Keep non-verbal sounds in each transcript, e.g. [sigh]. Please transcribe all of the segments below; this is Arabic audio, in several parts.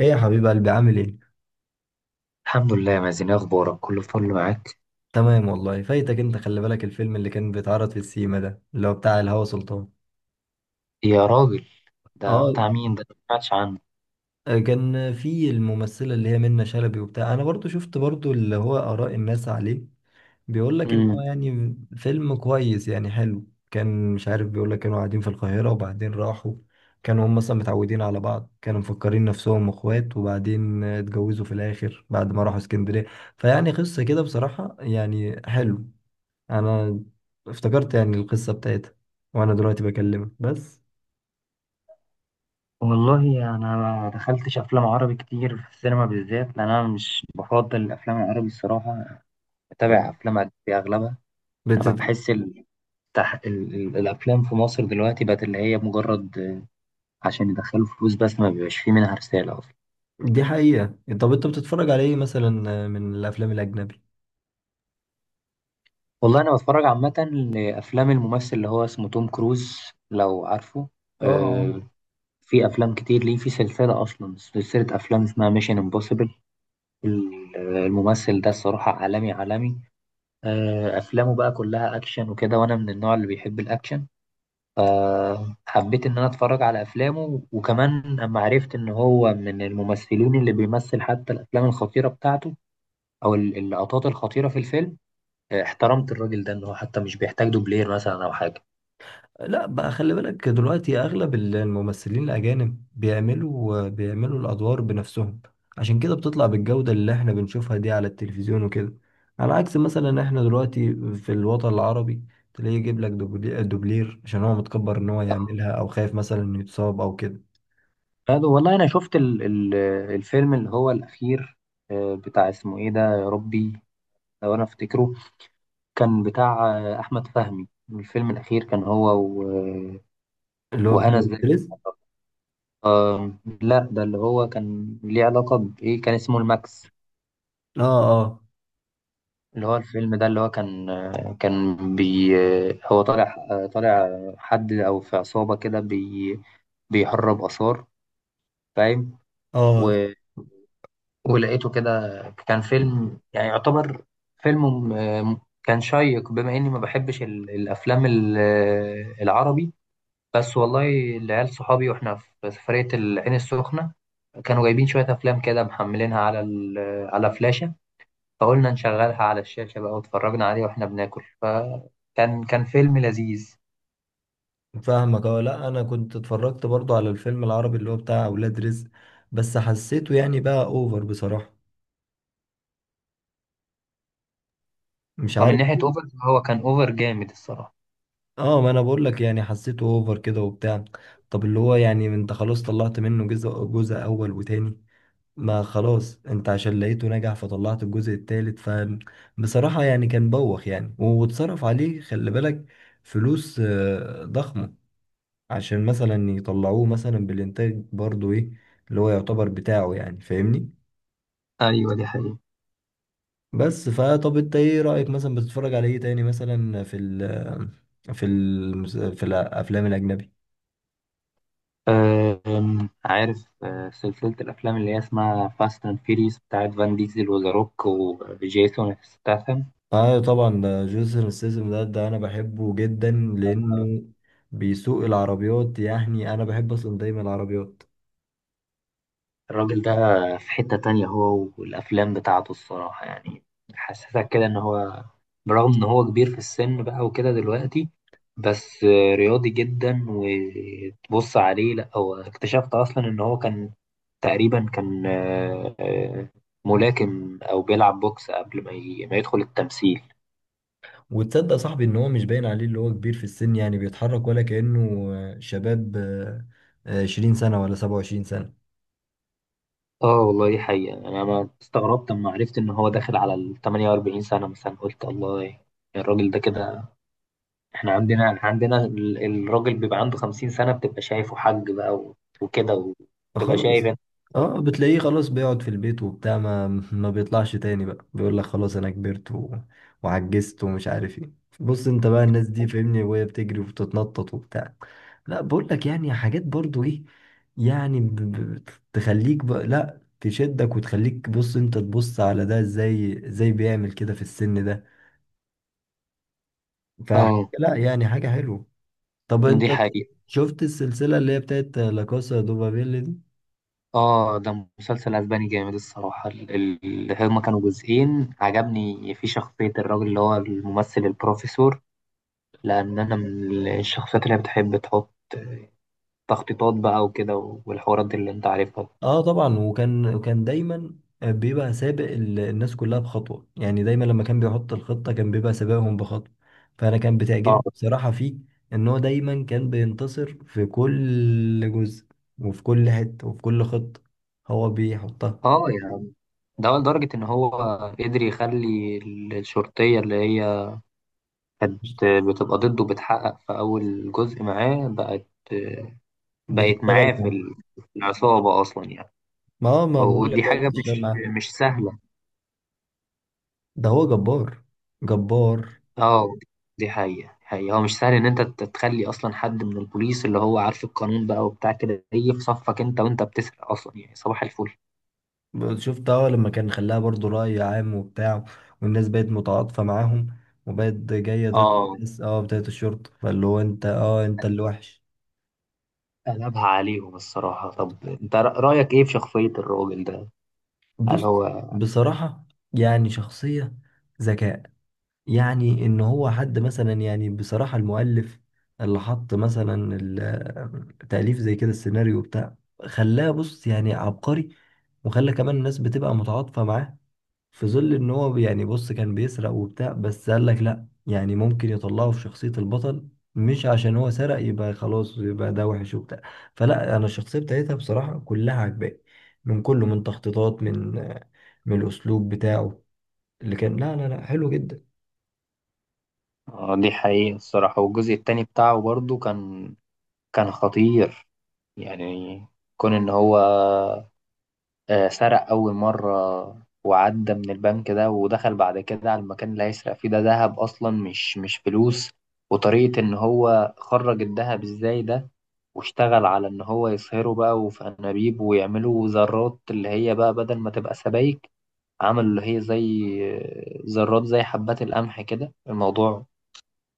ايه يا حبيب قلبي، عامل ايه؟ الحمد لله يا مازن، إيه اخبارك؟ كله فل معاك. تمام والله. فايتك انت، خلي بالك الفيلم اللي كان بيتعرض في السيما ده اللي هو بتاع الهوى سلطان. يا راجل، ده اه بتاع مين ده؟ ما سمعتش عنه. كان في الممثلة اللي هي منة شلبي وبتاع. انا برضو شفت برضو اللي هو اراء الناس عليه، بيقول لك ان هو امم يعني فيلم كويس، يعني حلو. كان مش عارف بيقول لك كانوا قاعدين في القاهرة وبعدين راحوا. كانوا هم مثلا متعودين على بعض، كانوا مفكرين نفسهم اخوات، وبعدين اتجوزوا في الاخر بعد ما راحوا اسكندرية. فيعني قصة كده بصراحة، يعني حلو. انا افتكرت يعني القصه بتاعتها وانا دلوقتي بكلمك بس. والله انا ما دخلتش افلام عربي كتير في السينما، بالذات لان انا مش بفضل الافلام العربي الصراحه. بتابع افلام اجنبي اغلبها. انا بتت... بحس ال... تح... ال... ال... الافلام في مصر دلوقتي بقت اللي هي مجرد عشان يدخلوا فلوس بس، ما بيبقاش فيه منها رساله اصلا. دي حقيقه. طب انت بتتفرج على ايه مثلا من الافلام الاجنبي؟ والله انا بتفرج عامه لافلام الممثل اللي هو اسمه توم كروز، لو عارفه. اه. آه، في افلام كتير ليه، في سلسله اصلا سلسله افلام اسمها ميشن امبوسيبل. الممثل ده الصراحه عالمي عالمي. افلامه بقى كلها اكشن وكده، وانا من النوع اللي بيحب الاكشن. حبيت ان انا اتفرج على افلامه، وكمان اما عرفت ان هو من الممثلين اللي بيمثل حتى الافلام الخطيره بتاعته او اللقطات الخطيره في الفيلم. احترمت الراجل ده ان هو حتى مش بيحتاج دوبلير مثلا او حاجه. لا بقى، خلي بالك دلوقتي اغلب الممثلين الاجانب بيعملوا الادوار بنفسهم، عشان كده بتطلع بالجودة اللي احنا بنشوفها دي على التلفزيون وكده. على عكس مثلا احنا دلوقتي في الوطن العربي، تلاقيه يجيب لك دوبلير عشان هو متكبر ان هو يعملها، او خايف مثلا انه يتصاب او كده. هذا والله انا شفت الفيلم اللي هو الاخير. بتاع اسمه ايه ده يا ربي، لو انا افتكره. كان بتاع احمد فهمي. الفيلم الاخير كان هو اللي هو وهنا بتاع. الزاهد. آه، لا ده اللي هو كان ليه علاقه بايه، كان اسمه الماكس. اه اه اللي هو الفيلم ده اللي هو كان كان بي آه، هو طالع طالع حد او في عصابه كده بيهرب اثار، فاهم. اه و- ولقيته كده. كان فيلم يعني يعتبر فيلم كان شيق، بما اني ما بحبش الافلام العربي. بس والله، العيال صحابي واحنا في سفرية العين السخنة كانوا جايبين شوية أفلام كده محملينها على فلاشة. فقلنا نشغلها على الشاشة بقى واتفرجنا عليه واحنا بناكل، فكان فيلم لذيذ. فاهمك. اه، لا انا كنت اتفرجت برضو على الفيلم العربي اللي هو بتاع اولاد رزق، بس حسيته يعني بقى اوفر بصراحة، مش ومن عارف. ناحية أوفر، هو كان أوفر جامد الصراحة. اه، ما انا بقول لك يعني حسيته اوفر كده وبتاع. طب اللي هو يعني انت خلاص طلعت منه جزء، جزء اول وتاني، ما خلاص انت عشان لقيته نجح فطلعت الجزء التالت. بصراحة يعني كان بوخ، يعني واتصرف عليه خلي بالك فلوس ضخمة، عشان مثلا يطلعوه مثلا بالإنتاج برضو إيه اللي هو يعتبر بتاعه، يعني فاهمني. ايوه دي حقيقة. بس فطب أنت إيه رأيك مثلا؟ بتتفرج على إيه تاني مثلا في ال في ال في الأفلام الأجنبي؟ عارف سلسلة الأفلام اللي هي اسمها فاست أند فيريس بتاعت فان ديزل وذا روك وجيسون ستاثام. آه طبعا، ده جيسون ستاثام ده، أنا بحبه جدا لأنه بيسوق العربيات. يعني أنا بحب أصلا دايما العربيات. الراجل ده في حتة تانية هو والأفلام بتاعته الصراحة يعني، حسسك كده إن هو برغم إن هو كبير في السن بقى وكده دلوقتي، بس رياضي جدا. وتبص عليه لأ، هو اكتشفت أصلا إن هو كان تقريبا كان ملاكم أو بيلعب بوكس قبل ما ما يدخل التمثيل. وتصدق صاحبي ان هو مش باين عليه اللي هو كبير في السن؟ يعني بيتحرك ولا كأنه شباب، 20 سنة ولا 27 سنة. اه والله دي حقيقة، أنا ما استغربت لما عرفت إن هو داخل على ال 48 سنة مثلا، قلت الله. يعني الراجل ده كده. احنا عندنا الراجل بيبقى عنده 50 سنة بتبقى شايفه حاج بقى وكده، وتبقى خلاص، شايف انت. اه بتلاقيه خلاص بيقعد في البيت وبتاع، ما بيطلعش تاني بقى، بيقول لك خلاص انا كبرت وعجزت ومش عارف ايه. بص انت بقى الناس دي فاهمني، وهي بتجري وبتتنطط وبتاع. لا بقول لك يعني حاجات برضو ايه، يعني ب... ب... تخليك بقى، لا تشدك وتخليك بص انت تبص على ده، ازاي ازاي بيعمل كده في السن ده. ف اه لا يعني حاجة حلوة. طب انت دي حقيقة. شفت السلسلة اللي هي بتاعت لا كاسا دوبابيل؟ اه ده مسلسل اسباني جامد الصراحة. اللي هما كانوا جزئين، عجبني في شخصية الراجل اللي هو الممثل البروفيسور، لأن أنا من الشخصيات اللي بتحب تحط تخطيطات بقى وكده، والحوارات دي اللي أنت عارفها. اه طبعا، وكان دايما بيبقى سابق الناس كلها بخطوة. يعني دايما لما كان بيحط الخطة كان بيبقى سابقهم بخطوة. فأنا كان اه بتعجبني بصراحة فيه إن هو دايما كان بينتصر في كل جزء، وفي كل حتة، وفي كل خطة هو بيحطها. اه يعني ده لدرجة إن هو قدر يخلي الشرطية اللي هي كانت بتبقى ضده بتحقق في أول جزء معاه، بقت بتشتغل معاه في العصابة أصلا يعني. معاه، ما هو ما بقول لك ودي بقى حاجة بتشتغل مش معاه. مش سهلة. ده هو جبار، جبار. اه دي حقيقة. حقيقة هو مش سهل إن أنت تخلي أصلا حد من البوليس اللي هو عارف القانون بقى وبتاع كده يجي في صفك أنت وأنت بتسرق أصلا، يعني صباح الفل. شفت؟ اه، لما كان خلاها برضو رأي عام وبتاع، والناس بقت متعاطفة معاهم، وبقت جاية ضد اه، الناس اه بتاعت الشرطة، فاللي هو انت اه انت اللي وحش. قلبها عليهم الصراحة. طب أنت رأيك إيه في شخصية الراجل ده؟ هل بص هو بصراحة، يعني شخصية ذكاء. يعني ان هو حد مثلا، يعني بصراحة المؤلف اللي حط مثلا التأليف زي كده، السيناريو بتاع، خلاه بص يعني عبقري، وخلى كمان الناس بتبقى متعاطفة معاه في ظل ان هو يعني بص كان بيسرق وبتاع. بس قال لك لا، يعني ممكن يطلعه في شخصية البطل، مش عشان هو سرق يبقى خلاص يبقى ده وحش وبتاع. فلا، انا الشخصية بتاعتها بصراحة كلها عجباني، من كله، من تخطيطات، من الاسلوب بتاعه اللي كان، لا لا لا حلو جدا. آه دي حقيقة الصراحة. والجزء التاني بتاعه برضه كان خطير يعني. كون إن هو سرق أول مرة وعدى من البنك ده، ودخل بعد كده على المكان اللي هيسرق فيه ده ذهب أصلا مش فلوس. وطريقة إن هو خرج الذهب إزاي ده، واشتغل على إن هو يصهره بقى وفي أنابيب، ويعملوا ذرات اللي هي بقى بدل ما تبقى سبايك، عملوا اللي هي زي ذرات زي حبات القمح كده. الموضوع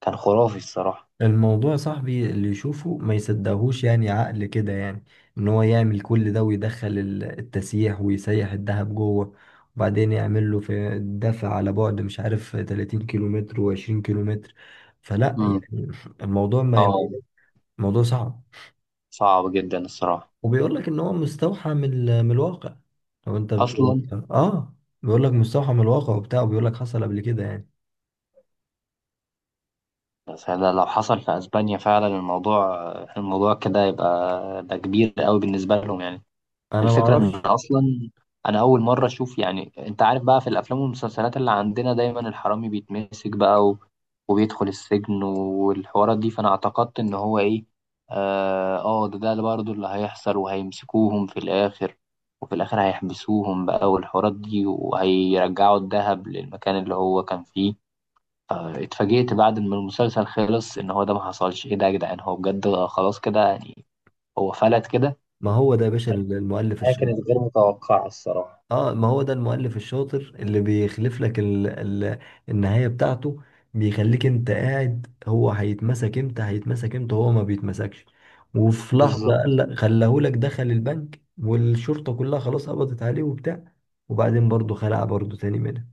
كان خرافي الصراحة. الموضوع يا صاحبي اللي يشوفه ما يصدقهوش، يعني عقل كده، يعني ان هو يعمل كل ده ويدخل التسيح ويسيح الذهب جوه، وبعدين يعمل له في الدفع على بعد مش عارف 30 كيلومتر و20 كيلومتر. فلا مم. يعني الموضوع ما اه الموضوع صعب. صعب جدا الصراحة. وبيقول لك ان هو مستوحى من من الواقع، لو انت أصلا اه، بيقول لك مستوحى من الواقع وبتاع، وبيقول لك حصل قبل كده يعني. بس ده لو حصل في اسبانيا فعلا، الموضوع كده يبقى ده كبير قوي بالنسبه لهم يعني. انا ما الفكره ان اعرفش. اصلا انا اول مره اشوف، يعني انت عارف بقى في الافلام والمسلسلات اللي عندنا دايما الحرامي بيتمسك بقى وبيدخل السجن والحوارات دي. فانا اعتقدت ان هو ايه، اه ده اللي برضه اللي هيحصل وهيمسكوهم في الاخر. وفي الاخر هيحبسوهم بقى والحوارات دي، وهيرجعوا الذهب للمكان اللي هو كان فيه. اتفاجئت بعد ما المسلسل خلص ان هو ده ما حصلش. ايه ده يا جدعان، هو بجد خلاص كده يعني، هو فلت كده. ما هو ده يا باشا المؤلف. هي كانت غير متوقعة الصراحة. اه، ما هو ده المؤلف الشاطر اللي بيخلف لك النهاية بتاعته، بيخليك انت قاعد هو هيتمسك امتى، هيتمسك امتى، هو ما بيتمسكش. وفي لحظة قال بالظبط. لك خلاهولك، دخل البنك والشرطة كلها خلاص قبضت عليه وبتاع، وبعدين برضه خلع برضه تاني منها.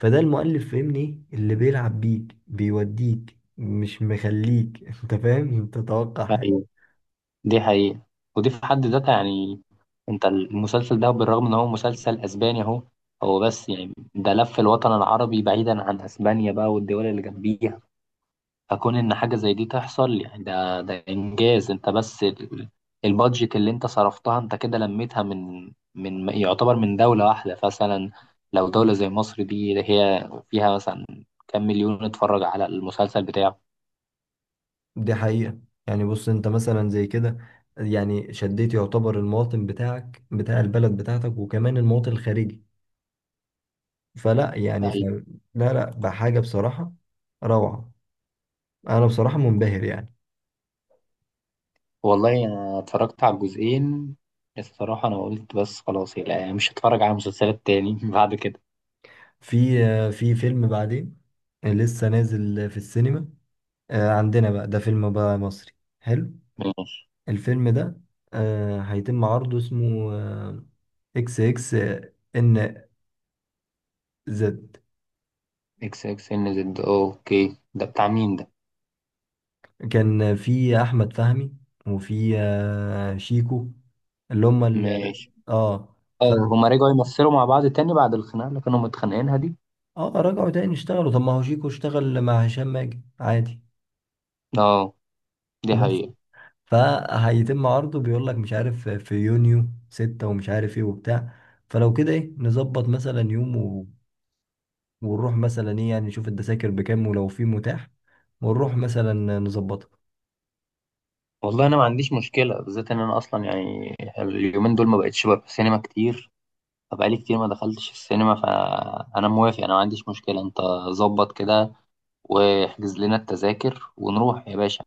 فده المؤلف، فاهمني؟ ايه اللي بيلعب بيك، بيوديك مش مخليك [laughs] انت فاهم انت تتوقع. ايوه دي حقيقة. ودي في حد ذاتها يعني، انت المسلسل ده بالرغم ان هو مسلسل اسباني اهو. هو بس يعني، ده لف الوطن العربي بعيدا عن اسبانيا بقى والدول اللي جنبيها. فكون ان حاجه زي دي تحصل يعني ده انجاز. انت بس البادجت اللي انت صرفتها انت كده لميتها من يعتبر من دوله واحده مثلا. لو دوله زي مصر دي هي فيها مثلا كام مليون اتفرج على المسلسل بتاعه. دي حقيقة. يعني بص انت مثلا زي كده، يعني شديت يعتبر المواطن بتاعك بتاع البلد بتاعتك، وكمان المواطن الخارجي. فلا يعني أيوة. لا، لا بحاجة بصراحة، روعة. انا بصراحة منبهر يعني. والله انا اتفرجت على الجزئين الصراحه، انا قلت بس خلاص لا مش هتفرج على مسلسلات تاني [laughs] بعد كده. في في فيلم بعدين لسه نازل في السينما عندنا بقى، ده فيلم بقى مصري حلو. ماشي. الفيلم ده هيتم عرضه، اسمه اكس اكس ان زد. اكس اكس ان زد، اوكي ده بتاع مين ده؟ كان في احمد فهمي، وفي شيكو، اللي هم ماشي. اه. اه هما رجعوا يمثلوا مع بعض تاني بعد الخناقة اللي كانوا متخانقينها دي. اه رجعوا تاني اشتغلوا، طب ما هو شيكو اشتغل مع هشام ماجد عادي. اه دي بس حقيقة. فهيتم عرضه، بيقول لك مش عارف في يونيو 6 ومش عارف ايه وبتاع. فلو كده ايه، نظبط مثلا يوم ونروح مثلا ايه، يعني نشوف الدساكر بكام ولو في متاح، ونروح مثلا نظبطها. والله انا ما عنديش مشكلة، بالذات ان انا اصلا يعني اليومين دول ما بقتش بروح السينما كتير، فبقالي كتير ما دخلتش السينما. فانا موافق، انا ما عنديش مشكلة. انت ظبط كده واحجز لنا التذاكر ونروح يا باشا،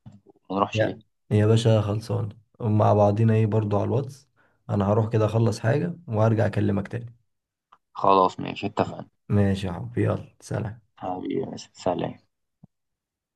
ما نروحش يا ليه؟ يا باشا، خلصان. مع بعضينا ايه برضو على الواتس. انا هروح كده اخلص حاجة وهرجع اكلمك تاني. خلاص ماشي اتفقنا. ماشي يا حبيبي، يلا سلام. حبيبي يا باشا، سلام.